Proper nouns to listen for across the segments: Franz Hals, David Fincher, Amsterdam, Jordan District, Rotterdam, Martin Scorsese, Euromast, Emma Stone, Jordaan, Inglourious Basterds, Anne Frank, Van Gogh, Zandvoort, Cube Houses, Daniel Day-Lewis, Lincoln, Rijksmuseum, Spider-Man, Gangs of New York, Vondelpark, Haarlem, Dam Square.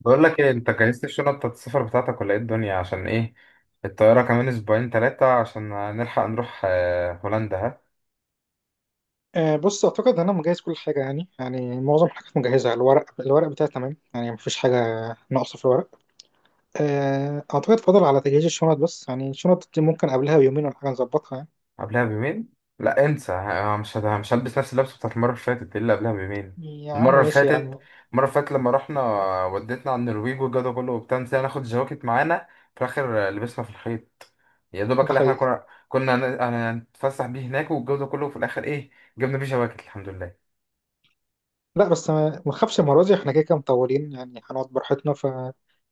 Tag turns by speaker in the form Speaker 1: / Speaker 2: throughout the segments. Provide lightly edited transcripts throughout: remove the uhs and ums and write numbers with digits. Speaker 1: بقول لك ايه؟ انت جهزت الشنط بتاعت السفر بتاعتك ولا ايه الدنيا، عشان ايه الطياره؟ كمان اسبوعين ثلاثه عشان نلحق نروح هولندا. ها
Speaker 2: أه بص اعتقد انا مجهز كل حاجه. يعني معظم الحاجات مجهزه. الورق بتاعي تمام، يعني مفيش حاجه ناقصه في الورق. أه اعتقد فاضل على تجهيز الشنط، بس يعني الشنط دي ممكن قبلها بيومين ولا حاجه نظبطها.
Speaker 1: قبلها بيومين؟ لا انسى، مش هلبس نفس اللبس بتاعت المره اللي فاتت، دي اللي قبلها بيومين.
Speaker 2: يعني يا عم
Speaker 1: المره اللي
Speaker 2: ماشي يا
Speaker 1: فاتت
Speaker 2: عم.
Speaker 1: المره اللي فاتت لما رحنا، وديتنا على النرويج والجو ده كله وبتاع، نسينا ناخد جواكت معانا. في الاخر لبسنا في الخيط يا دوبك،
Speaker 2: ده
Speaker 1: اللي احنا
Speaker 2: حقيقي.
Speaker 1: هنتفسح بيه هناك. والجو ده كله في الاخر ايه؟ جبنا بيه جواكت، الحمد لله.
Speaker 2: لا بس ما تخافش، المره دي احنا كده كده مطولين، يعني هنقعد براحتنا. فاكيد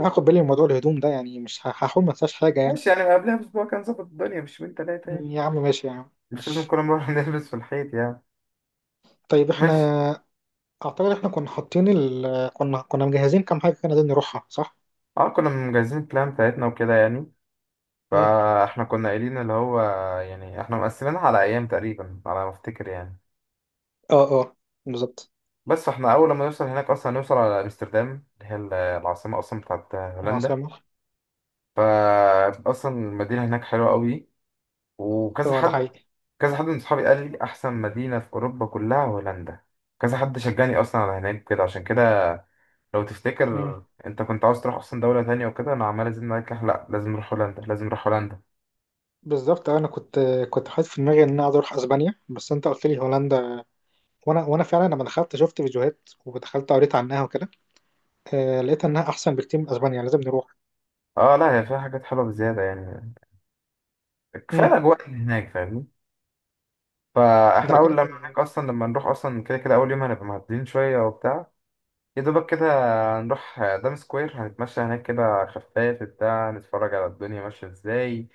Speaker 2: هاخد بالي من موضوع الهدوم ده، يعني مش ه- هحاول ما انساش حاجه يعني.
Speaker 1: ماشي، يعني قبلها باسبوع كان ظبط الدنيا، مش يومين ثلاثه.
Speaker 2: يا عم ماشي يا عم
Speaker 1: مش لازم
Speaker 2: ماشي.
Speaker 1: كل مرة نلبس في الحيط يعني.
Speaker 2: طيب احنا
Speaker 1: ماشي.
Speaker 2: اعتقد احنا كنا حاطين كنا مجهزين كام حاجه كنا عايزين نروحها، صح؟
Speaker 1: اه، كنا مجهزين البلان بتاعتنا وكده يعني،
Speaker 2: مم.
Speaker 1: فاحنا كنا قايلين اللي هو، يعني احنا مقسمينها على ايام تقريبا، على ما افتكر يعني.
Speaker 2: اه، اه، بالظبط.
Speaker 1: بس احنا اول ما نوصل هناك اصلا، هنوصل على امستردام اللي هي العاصمة اصلا بتاعت هولندا.
Speaker 2: العاصمة.
Speaker 1: فا اصلا المدينة هناك حلوة قوي، وكذا
Speaker 2: اه ده
Speaker 1: حد،
Speaker 2: حقيقي.
Speaker 1: كذا حد من صحابي قال لي احسن مدينة في اوروبا كلها هولندا. كذا حد شجعني اصلا على هناك كده، عشان كده لو
Speaker 2: مم.
Speaker 1: تفتكر انت كنت عاوز تروح اصلا دولة تانية وكده، انا عمال ازيد معاك، لا لازم نروح هولندا، لازم نروح هولندا.
Speaker 2: بالظبط انا كنت، كنت حاطط في دماغي ان انا عايز اروح اسبانيا، بس انت قلت لي هولندا. وانا فعلا لما دخلت شفت فيديوهات ودخلت قريت عنها وكده. آه، لقيت انها احسن بكتير من اسبانيا، لازم نروح.
Speaker 1: اه لا، هي فيها حاجات حلوة بزيادة يعني. كفاية
Speaker 2: مم.
Speaker 1: الاجواء اللي هناك فاهمني.
Speaker 2: ده
Speaker 1: فاحنا اول
Speaker 2: كده
Speaker 1: لما
Speaker 2: كده.
Speaker 1: هناك اصلا، لما نروح اصلا كده كده اول يوم، هنبقى معدلين شوية وبتاع، يا دوبك كده. هنروح دام سكوير، هنتمشى هناك كده خفاف بتاع، نتفرج على الدنيا ماشية ازاي،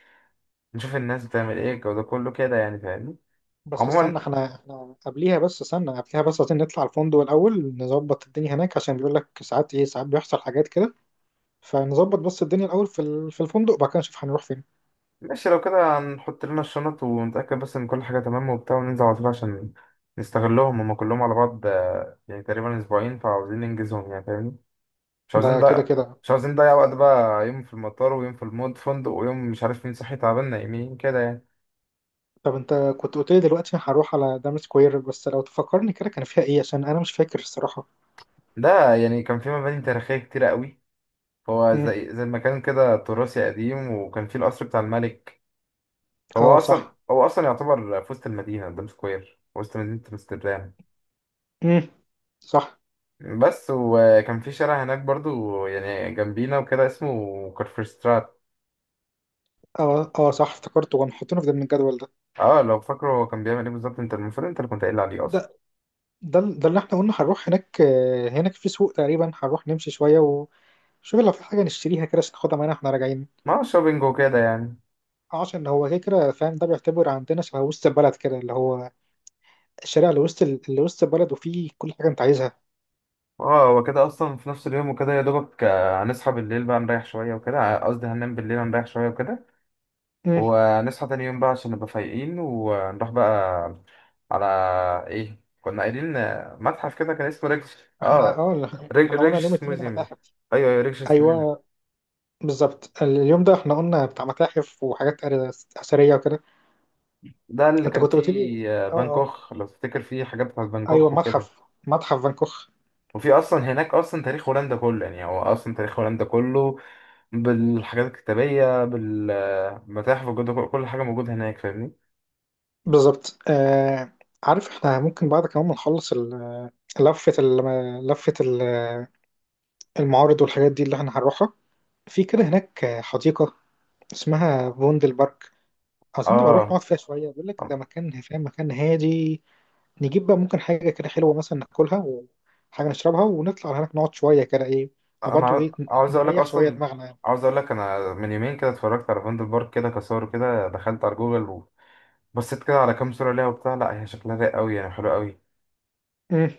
Speaker 1: نشوف الناس بتعمل ايه، الجو ده كله كده يعني فاهمني.
Speaker 2: بس
Speaker 1: عموما،
Speaker 2: استنى، احنا قبليها، بس استنى قبليها بس عايزين نطلع الفندق الاول، نظبط الدنيا هناك، عشان بيقول لك ساعات ايه، ساعات بيحصل حاجات كده. فنظبط بس الدنيا الاول في الفندق، وبعد كده نشوف هنروح فين.
Speaker 1: ماشي لو كده هنحط لنا الشنط ونتأكد بس إن كل حاجة تمام وبتاع، وننزل على طول. عشان نستغلهم هما كلهم على بعض، يعني تقريبا أسبوعين، فعاوزين ننجزهم يعني فاهمني. مش عاوزين
Speaker 2: ده كده
Speaker 1: ده
Speaker 2: كده.
Speaker 1: مش عاوزين نضيع وقت بقى، يوم في المطار ويوم في المود فندق، ويوم مش عارف مين صحي تعبان نايمين كده يعني.
Speaker 2: طب انت كنت قلت لي دلوقتي هروح على دام سكوير، بس لو تفكرني كده كان فيها ايه، عشان انا مش فاكر الصراحة.
Speaker 1: ده يعني كان في مباني تاريخية كتيرة قوي. هو
Speaker 2: امم.
Speaker 1: زي المكان كده تراثي قديم، وكان فيه القصر بتاع الملك. فهو
Speaker 2: اه
Speaker 1: أصلا
Speaker 2: صح.
Speaker 1: هو أصلا يعتبر في وسط المدينة، قدام سكوير وسط مدينة أمستردام.
Speaker 2: امم. صح.
Speaker 1: بس وكان في شارع هناك برضو يعني جنبينا وكده، اسمه كارفرستراد.
Speaker 2: اه اه صح، افتكرته كانوا حاطينه في ضمن الجدول ده.
Speaker 1: اه لو فاكره هو كان بيعمل ايه بالظبط، انت المفروض انت اللي كنت قايل عليه اصلا.
Speaker 2: ده، ده اللي احنا قلنا هنروح هناك. هناك في سوق، تقريبا هنروح نمشي شوية وشوف لو في حاجة نشتريها كده، عشان ناخدها معانا واحنا راجعين.
Speaker 1: ما هو شوبينج وكده يعني.
Speaker 2: اه عشان هو كده كده فاهم، ده بيعتبر عندنا شبه وسط البلد كده، اللي هو الشارع اللي وسط اللي وسط البلد، وفيه كل حاجة انت عايزها.
Speaker 1: اه هو كده اصلا في نفس اليوم وكده يا دوبك، هنصحى بالليل بقى نريح شويه وكده، قصدي هننام بالليل، هنريح شويه وكده،
Speaker 2: امم.
Speaker 1: ونصحى تاني يوم بقى عشان نبقى فايقين، ونروح بقى على، ايه كنا قايلين، متحف كده كان اسمه ريكش.
Speaker 2: احنا
Speaker 1: اه،
Speaker 2: اه احنا قلنا اليوم
Speaker 1: ريكش
Speaker 2: التاني ده
Speaker 1: ميوزيوم.
Speaker 2: متاحف.
Speaker 1: ايوه ايوه ريكش.
Speaker 2: ايوه بالظبط اليوم ده احنا قلنا بتاع متاحف وحاجات اثريه وكده.
Speaker 1: ده اللي
Speaker 2: انت
Speaker 1: كان
Speaker 2: كنت قلت لي،
Speaker 1: فيه
Speaker 2: اه
Speaker 1: فان
Speaker 2: اه
Speaker 1: كوخ، لو تفتكر فيه حاجات بتاعت فان
Speaker 2: ايوه،
Speaker 1: كوخ وكده.
Speaker 2: متحف فانكوخ.
Speaker 1: وفي اصلا هناك اصلا تاريخ هولندا كله يعني، هو اصلا تاريخ هولندا كله بالحاجات الكتابية بالمتاحف موجودة، كل حاجة موجودة هناك فاهمني.
Speaker 2: بالظبط آه. عارف احنا ممكن بعد كمان ما نخلص لفه المعارض والحاجات دي اللي احنا هنروحها، في كده هناك حديقه اسمها فوندل بارك. عايزين نبقى نروح
Speaker 1: اه
Speaker 2: نقعد فيها شويه، بيقول لك ده مكان فاهم، مكان هادي. نجيب بقى ممكن حاجة كده حلوة مثلا ناكلها وحاجة نشربها، ونطلع على هناك نقعد شوية كده، إيه. أنا
Speaker 1: انا
Speaker 2: برضه إيه،
Speaker 1: عاوز اقول لك
Speaker 2: نريح شوية
Speaker 1: اصلا،
Speaker 2: دماغنا يعني.
Speaker 1: عاوز اقول لك، انا من يومين كده اتفرجت على فاندر بارك كده كصور، كده دخلت على جوجل وبصيت كده على كام صورة ليها وبتاع، لا هي شكلها رايق قوي يعني، حلو قوي.
Speaker 2: مم.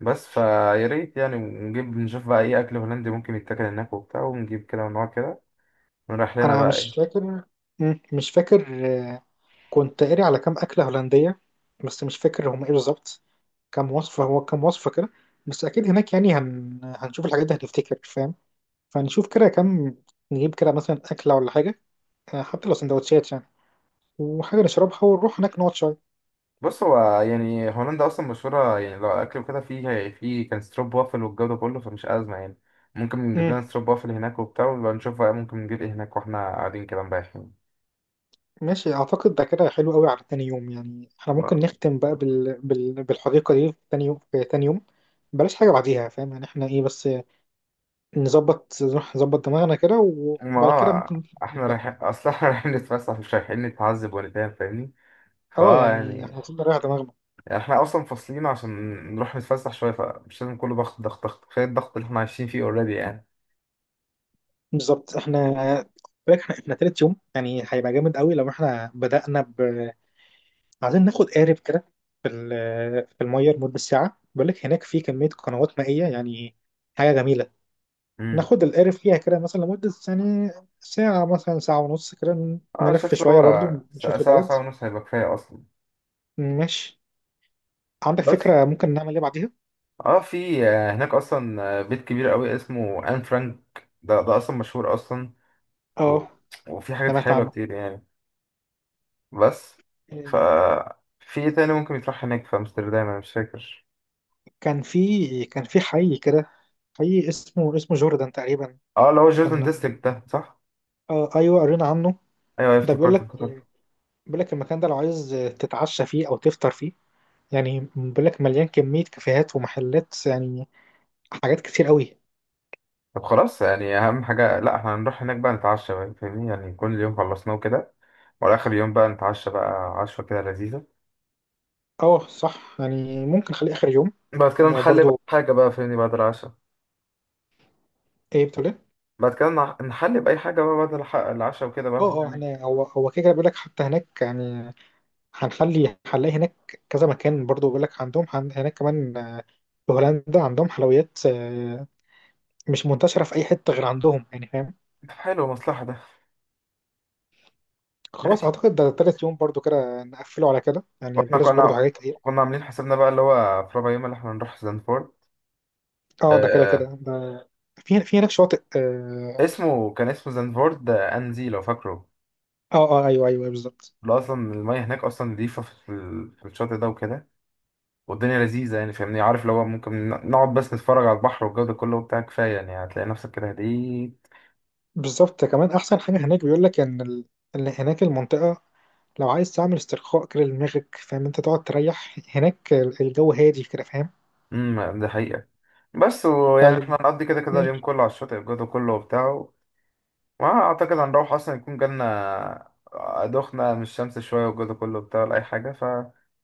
Speaker 1: بس فيا ريت يعني، ونجيب نشوف بقى ايه اكل هولندي ممكن يتاكل هناك وبتاع، ونجيب كده ونقعد كده ونروح لنا
Speaker 2: أنا
Speaker 1: بقى،
Speaker 2: مش
Speaker 1: ايه؟
Speaker 2: فاكر. مش فاكر. آه، كنت قاري على كام أكلة هولندية، بس مش فاكر هم إيه بالظبط. كام وصفة، هو كام وصفة كده. بس أكيد هناك يعني هنشوف الحاجات دي هنفتكر فاهم. فنشوف كده كام، نجيب كده مثلا أكلة ولا حاجة، آه، حتى لو سندوتشات يعني، وحاجة نشربها ونروح هناك نقعد شوية.
Speaker 1: بص، هو يعني هولندا اصلا مشهوره يعني لو اكل وكده، في كان ستروب وافل والجو ده كله، فمش ازمه يعني. ممكن نجيب لنا ستروب وافل هناك وبتاع، ونبقى نشوف بقى ممكن نجيب ايه هناك واحنا قاعدين كده مريحين.
Speaker 2: ماشي اعتقد ده كده حلو قوي على تاني يوم، يعني احنا ممكن
Speaker 1: ما
Speaker 2: نختم بقى بالحديقه دي في تاني يوم، بلاش حاجه بعديها فاهم يعني. احنا ايه بس نظبط، نروح نظبط دماغنا كده،
Speaker 1: ما-
Speaker 2: وبعد كده
Speaker 1: اه
Speaker 2: ممكن
Speaker 1: احنا
Speaker 2: نبقى.
Speaker 1: رايحين اصلا احنا رايحين نتفسح، مش رايحين نتعذب ولا نتهان فاهمني.
Speaker 2: اه
Speaker 1: فاه
Speaker 2: يعني احنا
Speaker 1: يعني،
Speaker 2: المفروض نريح دماغنا.
Speaker 1: احنا اصلا فاصلين عشان نروح نتفسح شويه، فمش لازم كله ضغط ضغط ضغط. كفايه الضغط اللي احنا عايشين فيه اوريدي يعني.
Speaker 2: بالظبط احنا، بالك احنا تالت يوم يعني هيبقى جامد قوي، لو احنا بدأنا ب عايزين ناخد قارب كده في في الميه لمده ساعه. بقول لك هناك في كميه قنوات مائيه يعني، حاجه جميله.
Speaker 1: امم.
Speaker 2: ناخد القارب فيها كده مثلا لمدة يعني ساعة، مثلا ساعة ونص كده،
Speaker 1: اه
Speaker 2: نلف
Speaker 1: شايف اللي
Speaker 2: شوية
Speaker 1: هو،
Speaker 2: برضو،
Speaker 1: ساعه
Speaker 2: نشوف
Speaker 1: ساعه
Speaker 2: البلد.
Speaker 1: ساعة ونص هيبقى كفايه اصلا.
Speaker 2: ماشي. عندك
Speaker 1: بس
Speaker 2: فكرة ممكن نعمل ايه بعديها؟
Speaker 1: اه، في هناك اصلا، بيت كبير قوي اسمه ان فرانك. ده اصلا مشهور اصلا، و،
Speaker 2: اه.
Speaker 1: وفي حاجات
Speaker 2: سمعت
Speaker 1: حلوه
Speaker 2: عنه.
Speaker 1: كتير يعني. بس ف
Speaker 2: إيه،
Speaker 1: في ايه تاني ممكن يتروح هناك في امستردام، انا مش فاكر.
Speaker 2: كان في حي كده، حي اسمه اسمه جوردن تقريبا.
Speaker 1: اه اللي هو جوردن
Speaker 2: كنا
Speaker 1: ديستريكت ده، صح؟
Speaker 2: آه ايوه قرينا عنه.
Speaker 1: ايوه أيوة،
Speaker 2: ده بيقول
Speaker 1: افتكرت
Speaker 2: لك،
Speaker 1: افتكرت.
Speaker 2: بيقول لك المكان ده لو عايز تتعشى فيه او تفطر فيه، يعني بيقول لك مليان كمية كافيهات ومحلات يعني، حاجات كتير قوي.
Speaker 1: طب خلاص، يعني اهم حاجه لا، احنا هنروح هناك بقى نتعشى بقى فاهمني، يعني كل يوم خلصناه كده، وعلى اخر يوم بقى نتعشى بقى، عشوه كده لذيذه.
Speaker 2: اه صح، يعني ممكن نخليه اخر يوم.
Speaker 1: بعد كده نحلي بقى
Speaker 2: وبرضه
Speaker 1: حاجه بقى فاهمني، بعد العشاء.
Speaker 2: ايه، بتقول إيه؟
Speaker 1: بعد كده نحلي بأي حاجة بقى، بعد العشاء وكده بقى.
Speaker 2: اه اه احنا هو كده كده بيقول لك حتى هناك يعني، هنخلي هنلاقي هناك كذا مكان برضو، بيقول لك عندهم هناك كمان آه، في هولندا عندهم حلويات، آه، مش منتشرة في أي حتة غير عندهم يعني فاهم.
Speaker 1: حلو مصلحة ده.
Speaker 2: خلاص
Speaker 1: ماشي.
Speaker 2: أعتقد ده تالت يوم برضو كده نقفله على كده يعني،
Speaker 1: واحنا
Speaker 2: بلاش برضو
Speaker 1: كنا
Speaker 2: حاجات كتير.
Speaker 1: كنا عاملين حسابنا بقى اللي هو في ربع يوم اللي احنا هنروح زنفورد.
Speaker 2: اه ده كده
Speaker 1: آه،
Speaker 2: كده ده، في هناك شواطئ اه.
Speaker 1: اسمه كان اسمه زنفورد أنزي لو فاكره.
Speaker 2: اه آه، ايوه ايوه أيوه، بالظبط.
Speaker 1: اللي اصلا المية هناك اصلا نضيفة، في الشاطئ ده وكده، والدنيا لذيذة يعني فاهمني. عارف اللي هو ممكن نقعد بس نتفرج على البحر والجو ده كله وبتاع، كفاية يعني هتلاقي نفسك كده هديت.
Speaker 2: بالظبط كمان أحسن حاجة هناك، بيقول لك إن إن هناك المنطقة لو عايز تعمل استرخاء كده لدماغك فاهم، انت تقعد تريح هناك، الجو هادي كده فاهم.
Speaker 1: امم، ده حقيقة. بس ويعني احنا
Speaker 2: طيب.
Speaker 1: هنقضي كده كده
Speaker 2: مم.
Speaker 1: اليوم كله على الشاطئ، الجو ده كله وبتاع. ما اعتقد هنروح اصلا يكون جالنا دخنة من الشمس شوية والجو ده كله بتاع ولا اي حاجة.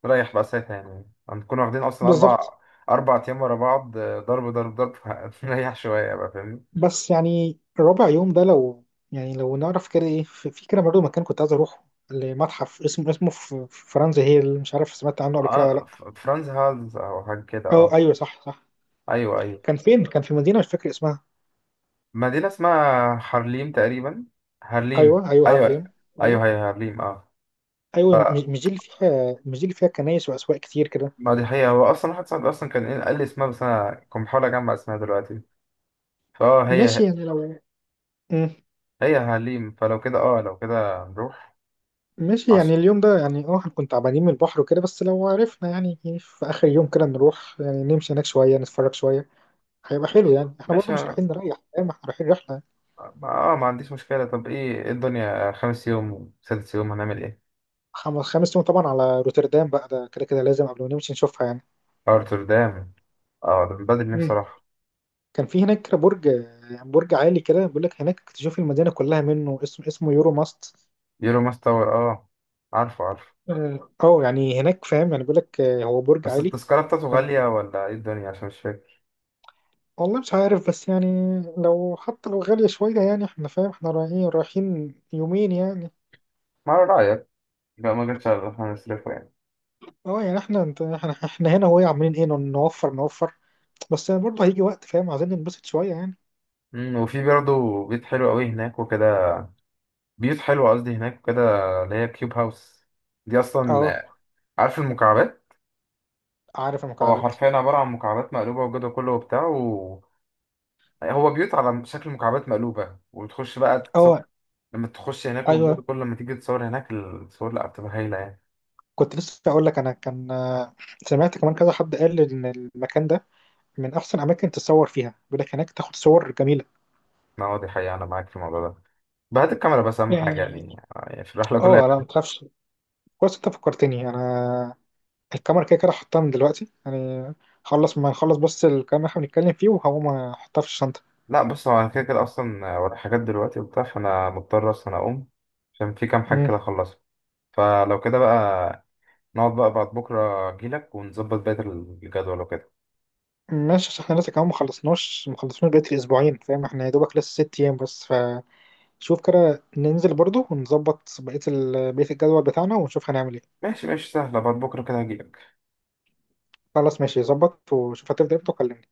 Speaker 1: فنريح بقى ساعتها، يعني هنكون واخدين اصلا
Speaker 2: بالظبط.
Speaker 1: اربع ايام ورا بعض، ضرب ضرب ضرب فنريح شوية بقى فاهمني.
Speaker 2: بس يعني ربع يوم ده لو، يعني لو نعرف كده ايه، في كده برضه مكان كنت عايز اروحه، لمتحف اسمه، اسمه في فرنسا هي، اللي مش عارف سمعت عنه قبل كده ولا
Speaker 1: اه،
Speaker 2: لا.
Speaker 1: فرانز هالز او حاجة كده.
Speaker 2: اه
Speaker 1: اه
Speaker 2: ايوه صح صح.
Speaker 1: ايوه ايوه.
Speaker 2: كان في مدينه مش فاكر اسمها.
Speaker 1: مدينة اسمها هارليم تقريبا. هارليم،
Speaker 2: ايوه ايوه
Speaker 1: ايوه
Speaker 2: هارليم.
Speaker 1: ايوه،
Speaker 2: ايوه.
Speaker 1: هي هارليم، اه.
Speaker 2: ايوه مش دي اللي فيها، كنايس واسواق كتير كده.
Speaker 1: ما دي حقيقة، هو اصلا واحد صاحبي اصلا كان إيه قال لي اسمها، بس انا كنت بحاول اجمع اسمها دلوقتي، فاه
Speaker 2: ماشي
Speaker 1: هي،
Speaker 2: يعني لو. مم.
Speaker 1: هي يا حليم. فلو كده اه، لو كده نروح.
Speaker 2: ماشي يعني
Speaker 1: عشرة.
Speaker 2: اليوم ده يعني اه هنكون تعبانين من البحر وكده، بس لو عرفنا يعني إيه، في اخر يوم كده نروح يعني نمشي هناك شويه نتفرج شويه. هيبقى حلو
Speaker 1: ماشي
Speaker 2: يعني، احنا برضو
Speaker 1: ماشي
Speaker 2: مش
Speaker 1: اه،
Speaker 2: رايحين نريح فاهم، احنا رايحين رحله.
Speaker 1: ما ما عنديش مشكلة. طب ايه، إيه الدنيا خامس يوم وسادس يوم هنعمل ايه؟
Speaker 2: خمس يوم طبعا على روتردام بقى، ده كده كده لازم قبل ما نمشي نشوفها يعني.
Speaker 1: ارتردام، اه ده من بدري نفسي
Speaker 2: مم.
Speaker 1: صراحة.
Speaker 2: كان في هناك برج، برج عالي كده، بيقول لك هناك تشوف المدينه كلها منه، اسمه اسمه يورو ماست.
Speaker 1: يورو ماس تاور، اه عارفه عارفه.
Speaker 2: اه أو يعني هناك فاهم، يعني بيقول لك هو برج
Speaker 1: بس
Speaker 2: عالي.
Speaker 1: التذكرة بتاعته
Speaker 2: فأنت-
Speaker 1: غالية ولا ايه الدنيا، عشان مش فاكر.
Speaker 2: والله مش عارف، بس يعني لو حتى لو غاليه شويه يعني احنا فاهم، احنا رايحين، يومين يعني.
Speaker 1: ما على رأيك، لا ما جاتش على احنا نصرفه يعني.
Speaker 2: اه يعني احنا انت احنا, احنا هنا وهي عاملين ايه، نوفر، بس يعني برضه هيجي وقت فاهم عايزين ننبسط شويه يعني.
Speaker 1: أمم، وفي برضه بيت حلو قوي هناك وكده، بيوت حلوة قصدي هناك وكده، اللي هي كيوب هاوس. دي
Speaker 2: اه
Speaker 1: اصلا، عارف المكعبات،
Speaker 2: عارف
Speaker 1: هو
Speaker 2: المكعبات.
Speaker 1: حرفيا عبارة عن مكعبات مقلوبة والجدول كله وبتاع، و، هو بيوت على شكل مكعبات مقلوبة، وتخش بقى
Speaker 2: اه
Speaker 1: تتصور. لما تخش هناك والجدول
Speaker 2: ايوه.
Speaker 1: كله، لما تيجي تتصور هناك الصور، لا بتبقى هايلة يعني.
Speaker 2: كنت لسه اقول لك، انا كان آه، سمعت كمان كذا حد قال ان المكان ده من احسن اماكن تتصور فيها، بيقول لك هناك تاخد صور جميله.
Speaker 1: ما هو دي حقيقة، أنا معاك في الموضوع ده. بهات الكاميرا بس، أهم حاجة
Speaker 2: اه
Speaker 1: يعني، يعني في الرحلة كلها.
Speaker 2: آه، لا ما تخافش، كويس انت فكرتني، انا الكاميرا كده كده حطها من دلوقتي يعني، خلص ما نخلص بس الكلام اللي احنا بنتكلم فيه وهقوم احطها في الشنطه.
Speaker 1: لا بص، هو أنا كده كده أصلا ورايا حاجات دلوقتي وبتاع، فأنا مضطر أصلا أقوم، عشان في كام حاجة
Speaker 2: مم.
Speaker 1: كده أخلصها. فلو كده بقى، نقعد بقى بعد بكرة أجيلك ونظبط بقية الجدول وكده.
Speaker 2: ماشي، عشان احنا لسه كمان ما خلصناش بقيت الاسبوعين فاهم، احنا يا دوبك لسه 6 ايام بس، فشوف كده ننزل برضو ونظبط بقيه بقيه الجدول بتاعنا ونشوف هنعمل ايه.
Speaker 1: ماشي ماشي، سهلة، بعد بكرة كده هجيلك.
Speaker 2: خلاص ماشي ظبط وشوف هتفضل امتى وكلمني.